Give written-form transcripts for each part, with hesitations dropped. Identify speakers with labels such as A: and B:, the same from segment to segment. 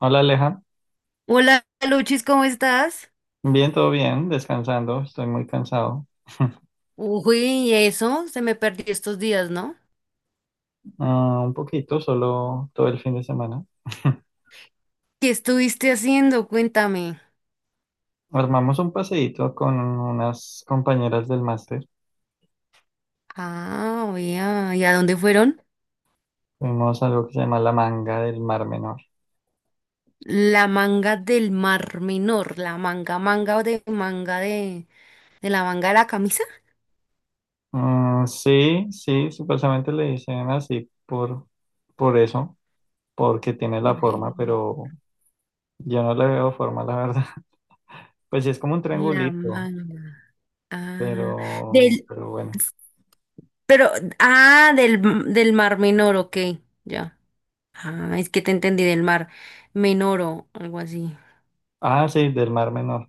A: Hola Aleja,
B: Hola, Luchis, ¿cómo estás?
A: bien, todo bien, descansando, estoy muy cansado.
B: Uy, y eso se me perdió estos días, ¿no?
A: Ah, un poquito, solo todo el fin de semana.
B: ¿Qué estuviste haciendo? Cuéntame.
A: Armamos un paseíto con unas compañeras del máster,
B: Ah, vea, ¿y a dónde fueron?
A: fuimos a algo que se llama la Manga del Mar Menor.
B: La manga del Mar Menor, la manga, manga de manga de la manga de la camisa.
A: Mm, sí, sí, supuestamente le dicen así por eso, porque tiene la forma,
B: De
A: pero yo no le veo forma, la verdad. Pues sí, es como un
B: la
A: triangulito,
B: manga. Ah,
A: pero,
B: del,
A: pero bueno.
B: pero, ah, del, del Mar Menor, ok, ya. Ah, es que te entendí del Mar Menor o algo así.
A: Ah, sí, del Mar Menor.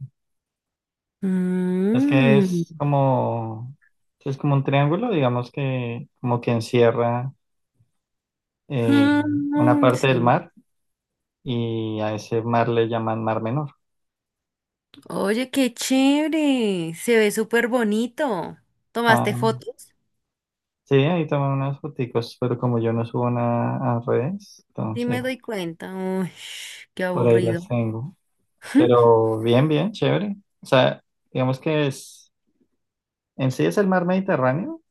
A: Es que
B: Mmm.
A: es como un triángulo, digamos que como que encierra eh, una
B: Mm,
A: parte del
B: sí.
A: mar y a ese mar le llaman Mar Menor.
B: Oye, qué chévere. Se ve súper bonito.
A: Ah,
B: ¿Tomaste fotos?
A: sí, ahí toman unas foticos, pero como yo no subo nada a redes,
B: Sí, me
A: entonces
B: doy cuenta. Uy, qué
A: por ahí
B: aburrido.
A: las tengo. Pero bien, bien, chévere. O sea, digamos que es, en sí es el Mar Mediterráneo,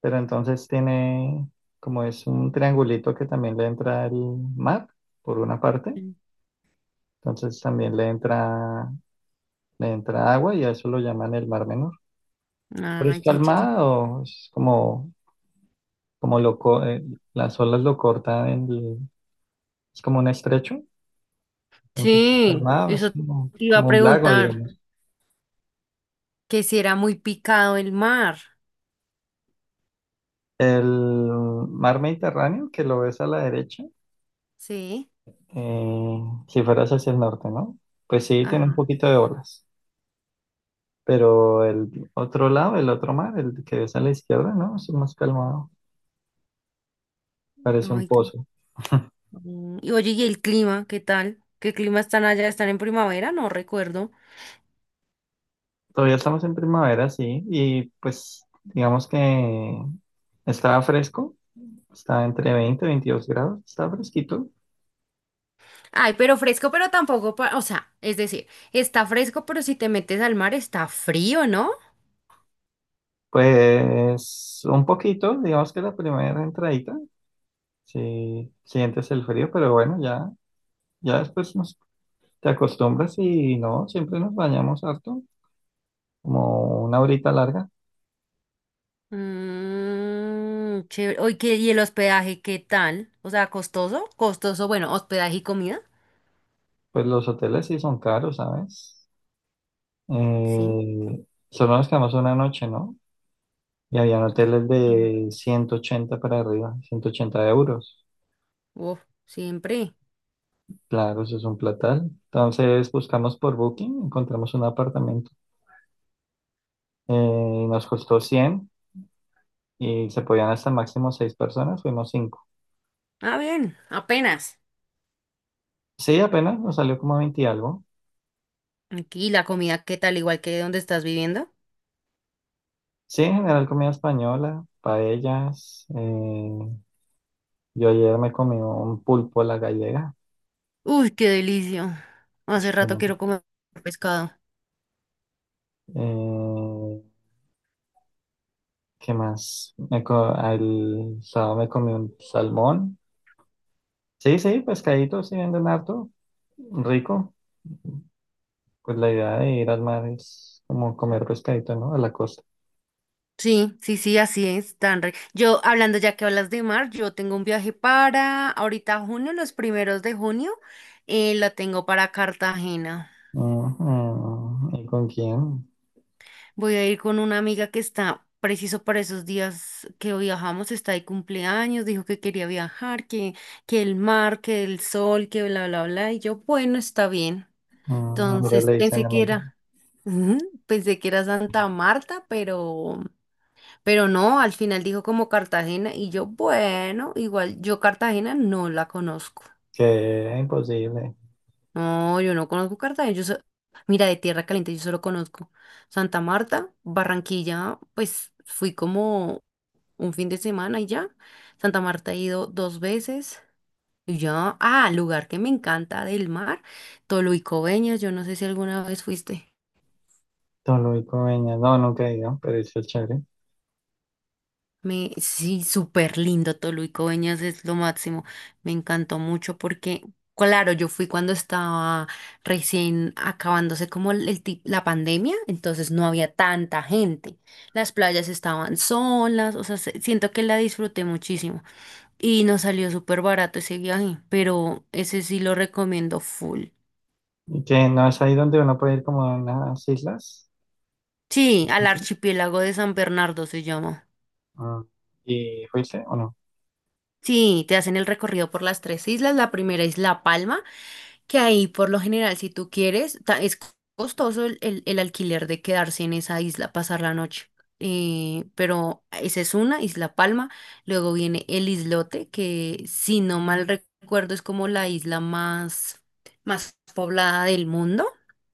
A: pero entonces tiene, como es un triangulito que también le entra el mar por una parte. Entonces también le entra agua y a eso lo llaman el Mar Menor. Pero es
B: Ay, qué chévere.
A: calmado, es como, como lo, co- eh, las olas lo cortan, es como un estrecho, entonces es
B: Sí,
A: calmado, es
B: eso te
A: como,
B: iba a
A: como un lago,
B: preguntar.
A: digamos.
B: Que si era muy picado el mar.
A: El Mar Mediterráneo, que lo ves a la derecha,
B: Sí.
A: eh, si fueras hacia el norte, ¿no? Pues sí, tiene un
B: Ajá.
A: poquito de olas, pero el otro lado, el otro mar, el que ves a la izquierda, ¿no? Es más calmado, parece un
B: Ay, qué-
A: pozo.
B: Mm. Y oye, ¿y el clima? ¿Qué tal? ¿Qué clima están allá? ¿Están en primavera? No recuerdo.
A: Todavía estamos en primavera, sí, y pues digamos que estaba fresco, estaba entre 20 y 22 grados, estaba fresquito.
B: Ay, pero fresco, pero tampoco, o sea, es decir, está fresco, pero si te metes al mar está frío, ¿no?
A: Pues un poquito, digamos que la primera entradita, sí sientes el frío, pero bueno, ya después te acostumbras y no, siempre nos bañamos harto, como una horita larga.
B: Mmm, chévere. Oye, ¿y el hospedaje qué tal? O sea, costoso, costoso, bueno, hospedaje y comida,
A: Pues los hoteles sí son caros, ¿sabes?
B: sí.
A: Eh, Solo nos quedamos una noche, ¿no? Y habían hoteles
B: Mm.
A: de 180 para arriba, 180 euros.
B: Uf, siempre.
A: Claro, eso es un platal. Entonces buscamos por Booking, encontramos un apartamento. Nos costó 100 y se podían hasta máximo 6 personas, fuimos cinco.
B: Ah, bien, apenas.
A: Sí, apenas nos salió como veinte y algo.
B: Aquí la comida, ¿qué tal? Igual que donde estás viviendo.
A: Sí, en general comida española, paellas. Yo ayer me comí un pulpo a la gallega.
B: Uy, qué delicia. Hace rato quiero comer pescado.
A: Eh, ¿Qué más? El sábado me comí un salmón. Sí, sí, pescaditos, sí venden harto, rico. Pues la idea de ir al mar es como comer pescadito, ¿no? A la costa.
B: Sí, sí, sí, así es, yo, hablando ya que hablas de mar, yo tengo un viaje para ahorita junio, los primeros de junio, la tengo para Cartagena.
A: Ujú. ¿Y con quién?
B: Voy a ir con una amiga que está preciso para esos días que viajamos, está de cumpleaños, dijo que quería viajar, que el mar, que el sol, que bla, bla, bla, y yo, bueno, está bien.
A: Ujú. Ahora
B: Entonces
A: le dicen
B: pensé que
A: amiga.
B: era, ujú, pensé que era Santa Marta, pero. Pero no, al final dijo como Cartagena y yo, bueno, igual yo Cartagena no la conozco.
A: Que imposible.
B: No, yo no conozco Cartagena. Mira, de Tierra Caliente yo solo conozco Santa Marta, Barranquilla, pues fui como un fin de semana y ya. Santa Marta he ido dos veces y ya. Ah, lugar que me encanta del mar, Toluicobeñas, yo no sé si alguna vez fuiste.
A: Toluico, Peña. No, nunca he ido, pero eso es chévere.
B: Sí, súper lindo, Toluico Veñas es lo máximo. Me encantó mucho porque, claro, yo fui cuando estaba recién acabándose como la pandemia, entonces no había tanta gente. Las playas estaban solas, o sea, siento que la disfruté muchísimo y nos salió súper barato ese viaje, pero ese sí lo recomiendo full.
A: Y que no es ahí donde uno puede ir como a unas islas.
B: Sí, al archipiélago de San Bernardo se llama.
A: Ah, ¿y fuiste o no?
B: Sí, te hacen el recorrido por las tres islas. La primera es La Palma, que ahí por lo general, si tú quieres, es costoso el alquiler de quedarse en esa isla, pasar la noche. Pero esa es una, Isla Palma. Luego viene el islote, que si no mal recuerdo es como la isla más poblada del mundo.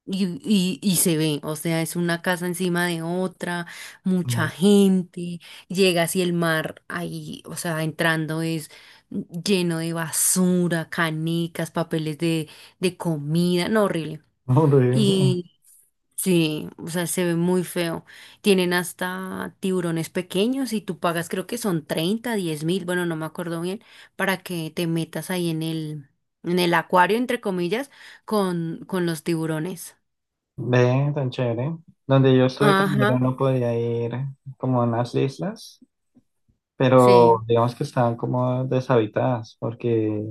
B: Y se ve, o sea, es una casa encima de otra, mucha
A: No.
B: gente, llegas y el mar ahí, o sea, entrando es lleno de basura, canicas, papeles de comida, no, horrible.
A: Horrible.
B: Y sí, o sea, se ve muy feo. Tienen hasta tiburones pequeños y tú pagas, creo que son 30 10 mil, bueno, no me acuerdo bien, para que te metas ahí en el, acuario, entre comillas, con los tiburones.
A: Ve, tan chévere. Donde yo estuve también
B: Ajá,
A: uno podía ir como a unas islas,
B: sí.
A: pero digamos que están como deshabitadas porque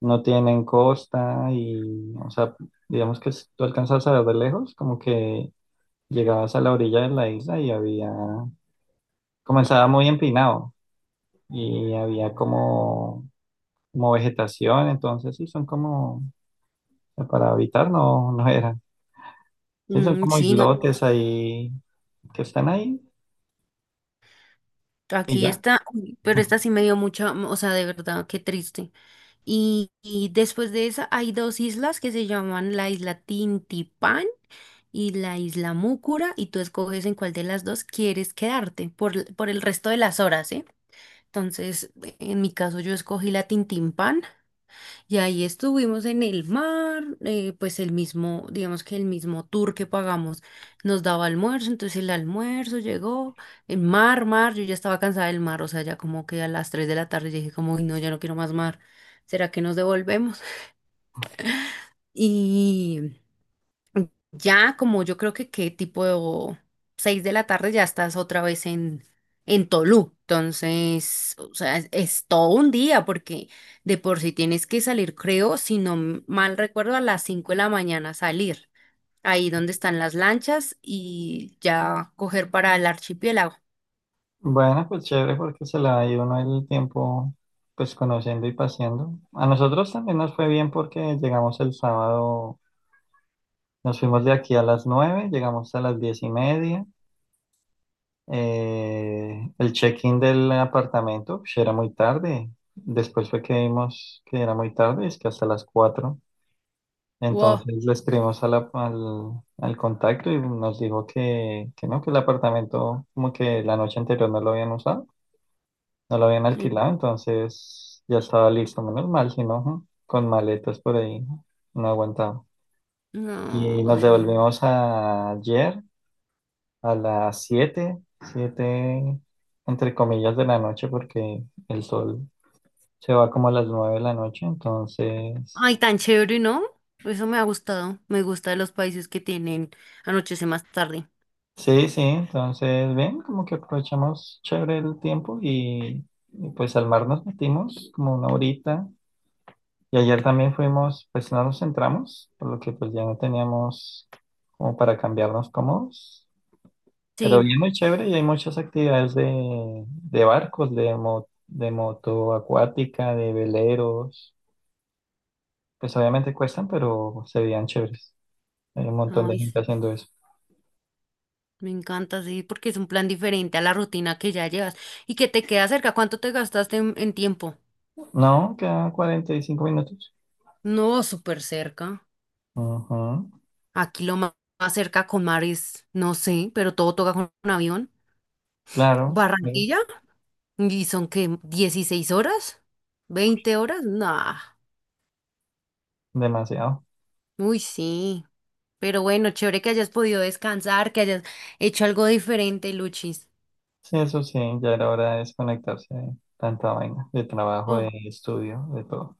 A: no tienen costa y, o sea, digamos que si tú alcanzas a ver de lejos, como que llegabas a la orilla de la isla y comenzaba muy empinado y había como vegetación, entonces sí, son como, para habitar no, no eran, sí, son
B: Mm,
A: como
B: sí, no.
A: islotes ahí que están ahí y
B: Aquí
A: ya.
B: está, uy, pero esta sí me dio mucha, o sea, de verdad, qué triste. Y después de esa hay dos islas que se llaman la isla Tintipán y la isla Múcura y tú escoges en cuál de las dos quieres quedarte por el resto de las horas, ¿eh? Entonces, en mi caso yo escogí la Tintimpán y ahí estuvimos en el mar, pues el mismo, digamos que el mismo tour que pagamos nos daba almuerzo, entonces el almuerzo llegó, el mar, mar, yo ya estaba cansada del mar, o sea, ya como que a las 3 de la tarde dije como, uy, no, ya no quiero más mar, ¿será que nos devolvemos? y Ya como yo creo que qué tipo 6 de la tarde ya estás otra vez en, Tolú. Entonces, o sea, es todo un día porque de por sí tienes que salir, creo, si no mal recuerdo, a las 5 de la mañana salir, ahí donde están las lanchas y ya coger para el archipiélago.
A: Bueno, pues chévere porque se la dio uno el tiempo pues conociendo y paseando. A nosotros también nos fue bien porque llegamos el sábado, nos fuimos de aquí a las 9, llegamos a las 10:30. El check-in del apartamento pues, era muy tarde. Después fue que vimos que era muy tarde, es que hasta las 4.
B: Wow.
A: Entonces le escribimos a al contacto y nos dijo que no, que el apartamento como que la noche anterior no lo habían usado, no lo habían
B: Sí.
A: alquilado, entonces ya estaba listo, menos mal, si no, ujú, con maletas por ahí, no aguantaba.
B: No,
A: Y nos
B: horrible.
A: devolvimos ayer a las 7, 7 entre comillas de la noche, porque el sol se va como a las 9 de la noche,
B: Ay,
A: entonces
B: tan chévere, ¿no? Eso me ha gustado. Me gusta de los países que tienen anochece más tarde.
A: sí, sí, entonces, bien, como que aprovechamos chévere el tiempo y pues al mar nos metimos como una horita. Y ayer también fuimos, pues no nos entramos por lo que pues ya no teníamos como para cambiarnos cómodos. Pero
B: Sí,
A: bien, muy chévere y hay muchas actividades de barcos, de moto acuática, de veleros. Pues obviamente cuestan, pero se veían chéveres. Hay un montón de
B: ay,
A: gente
B: sí.
A: haciendo eso.
B: Me encanta, sí, porque es un plan diferente a la rutina que ya llevas y que te queda cerca. ¿Cuánto te gastaste en, tiempo?
A: No, quedan 45 minutos.
B: No, súper cerca.
A: Ujú.
B: Aquí más cerca con mar es, no sé, pero todo toca con un avión.
A: Claro,
B: Barranquilla, y son que 16 horas, 20 horas, nah.
A: demasiado.
B: Uy, sí. Pero bueno, chévere que hayas podido descansar, que hayas hecho algo diferente, Luchis.
A: Sí, eso sí, ya era hora de desconectarse de tanta vaina, de trabajo, de
B: Oh,
A: estudio, de todo.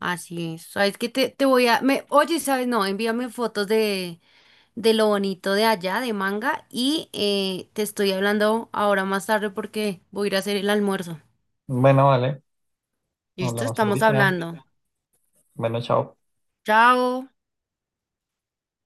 B: así es. ¿Sabes qué? Te voy a... Me... Oye, ¿sabes? No, envíame fotos de lo bonito de allá, de Manga, y te estoy hablando ahora más tarde porque voy a ir a hacer el almuerzo.
A: Bueno, vale.
B: ¿Listo?
A: Hablamos
B: Estamos
A: ahorita.
B: hablando.
A: Bueno, chao.
B: Chao.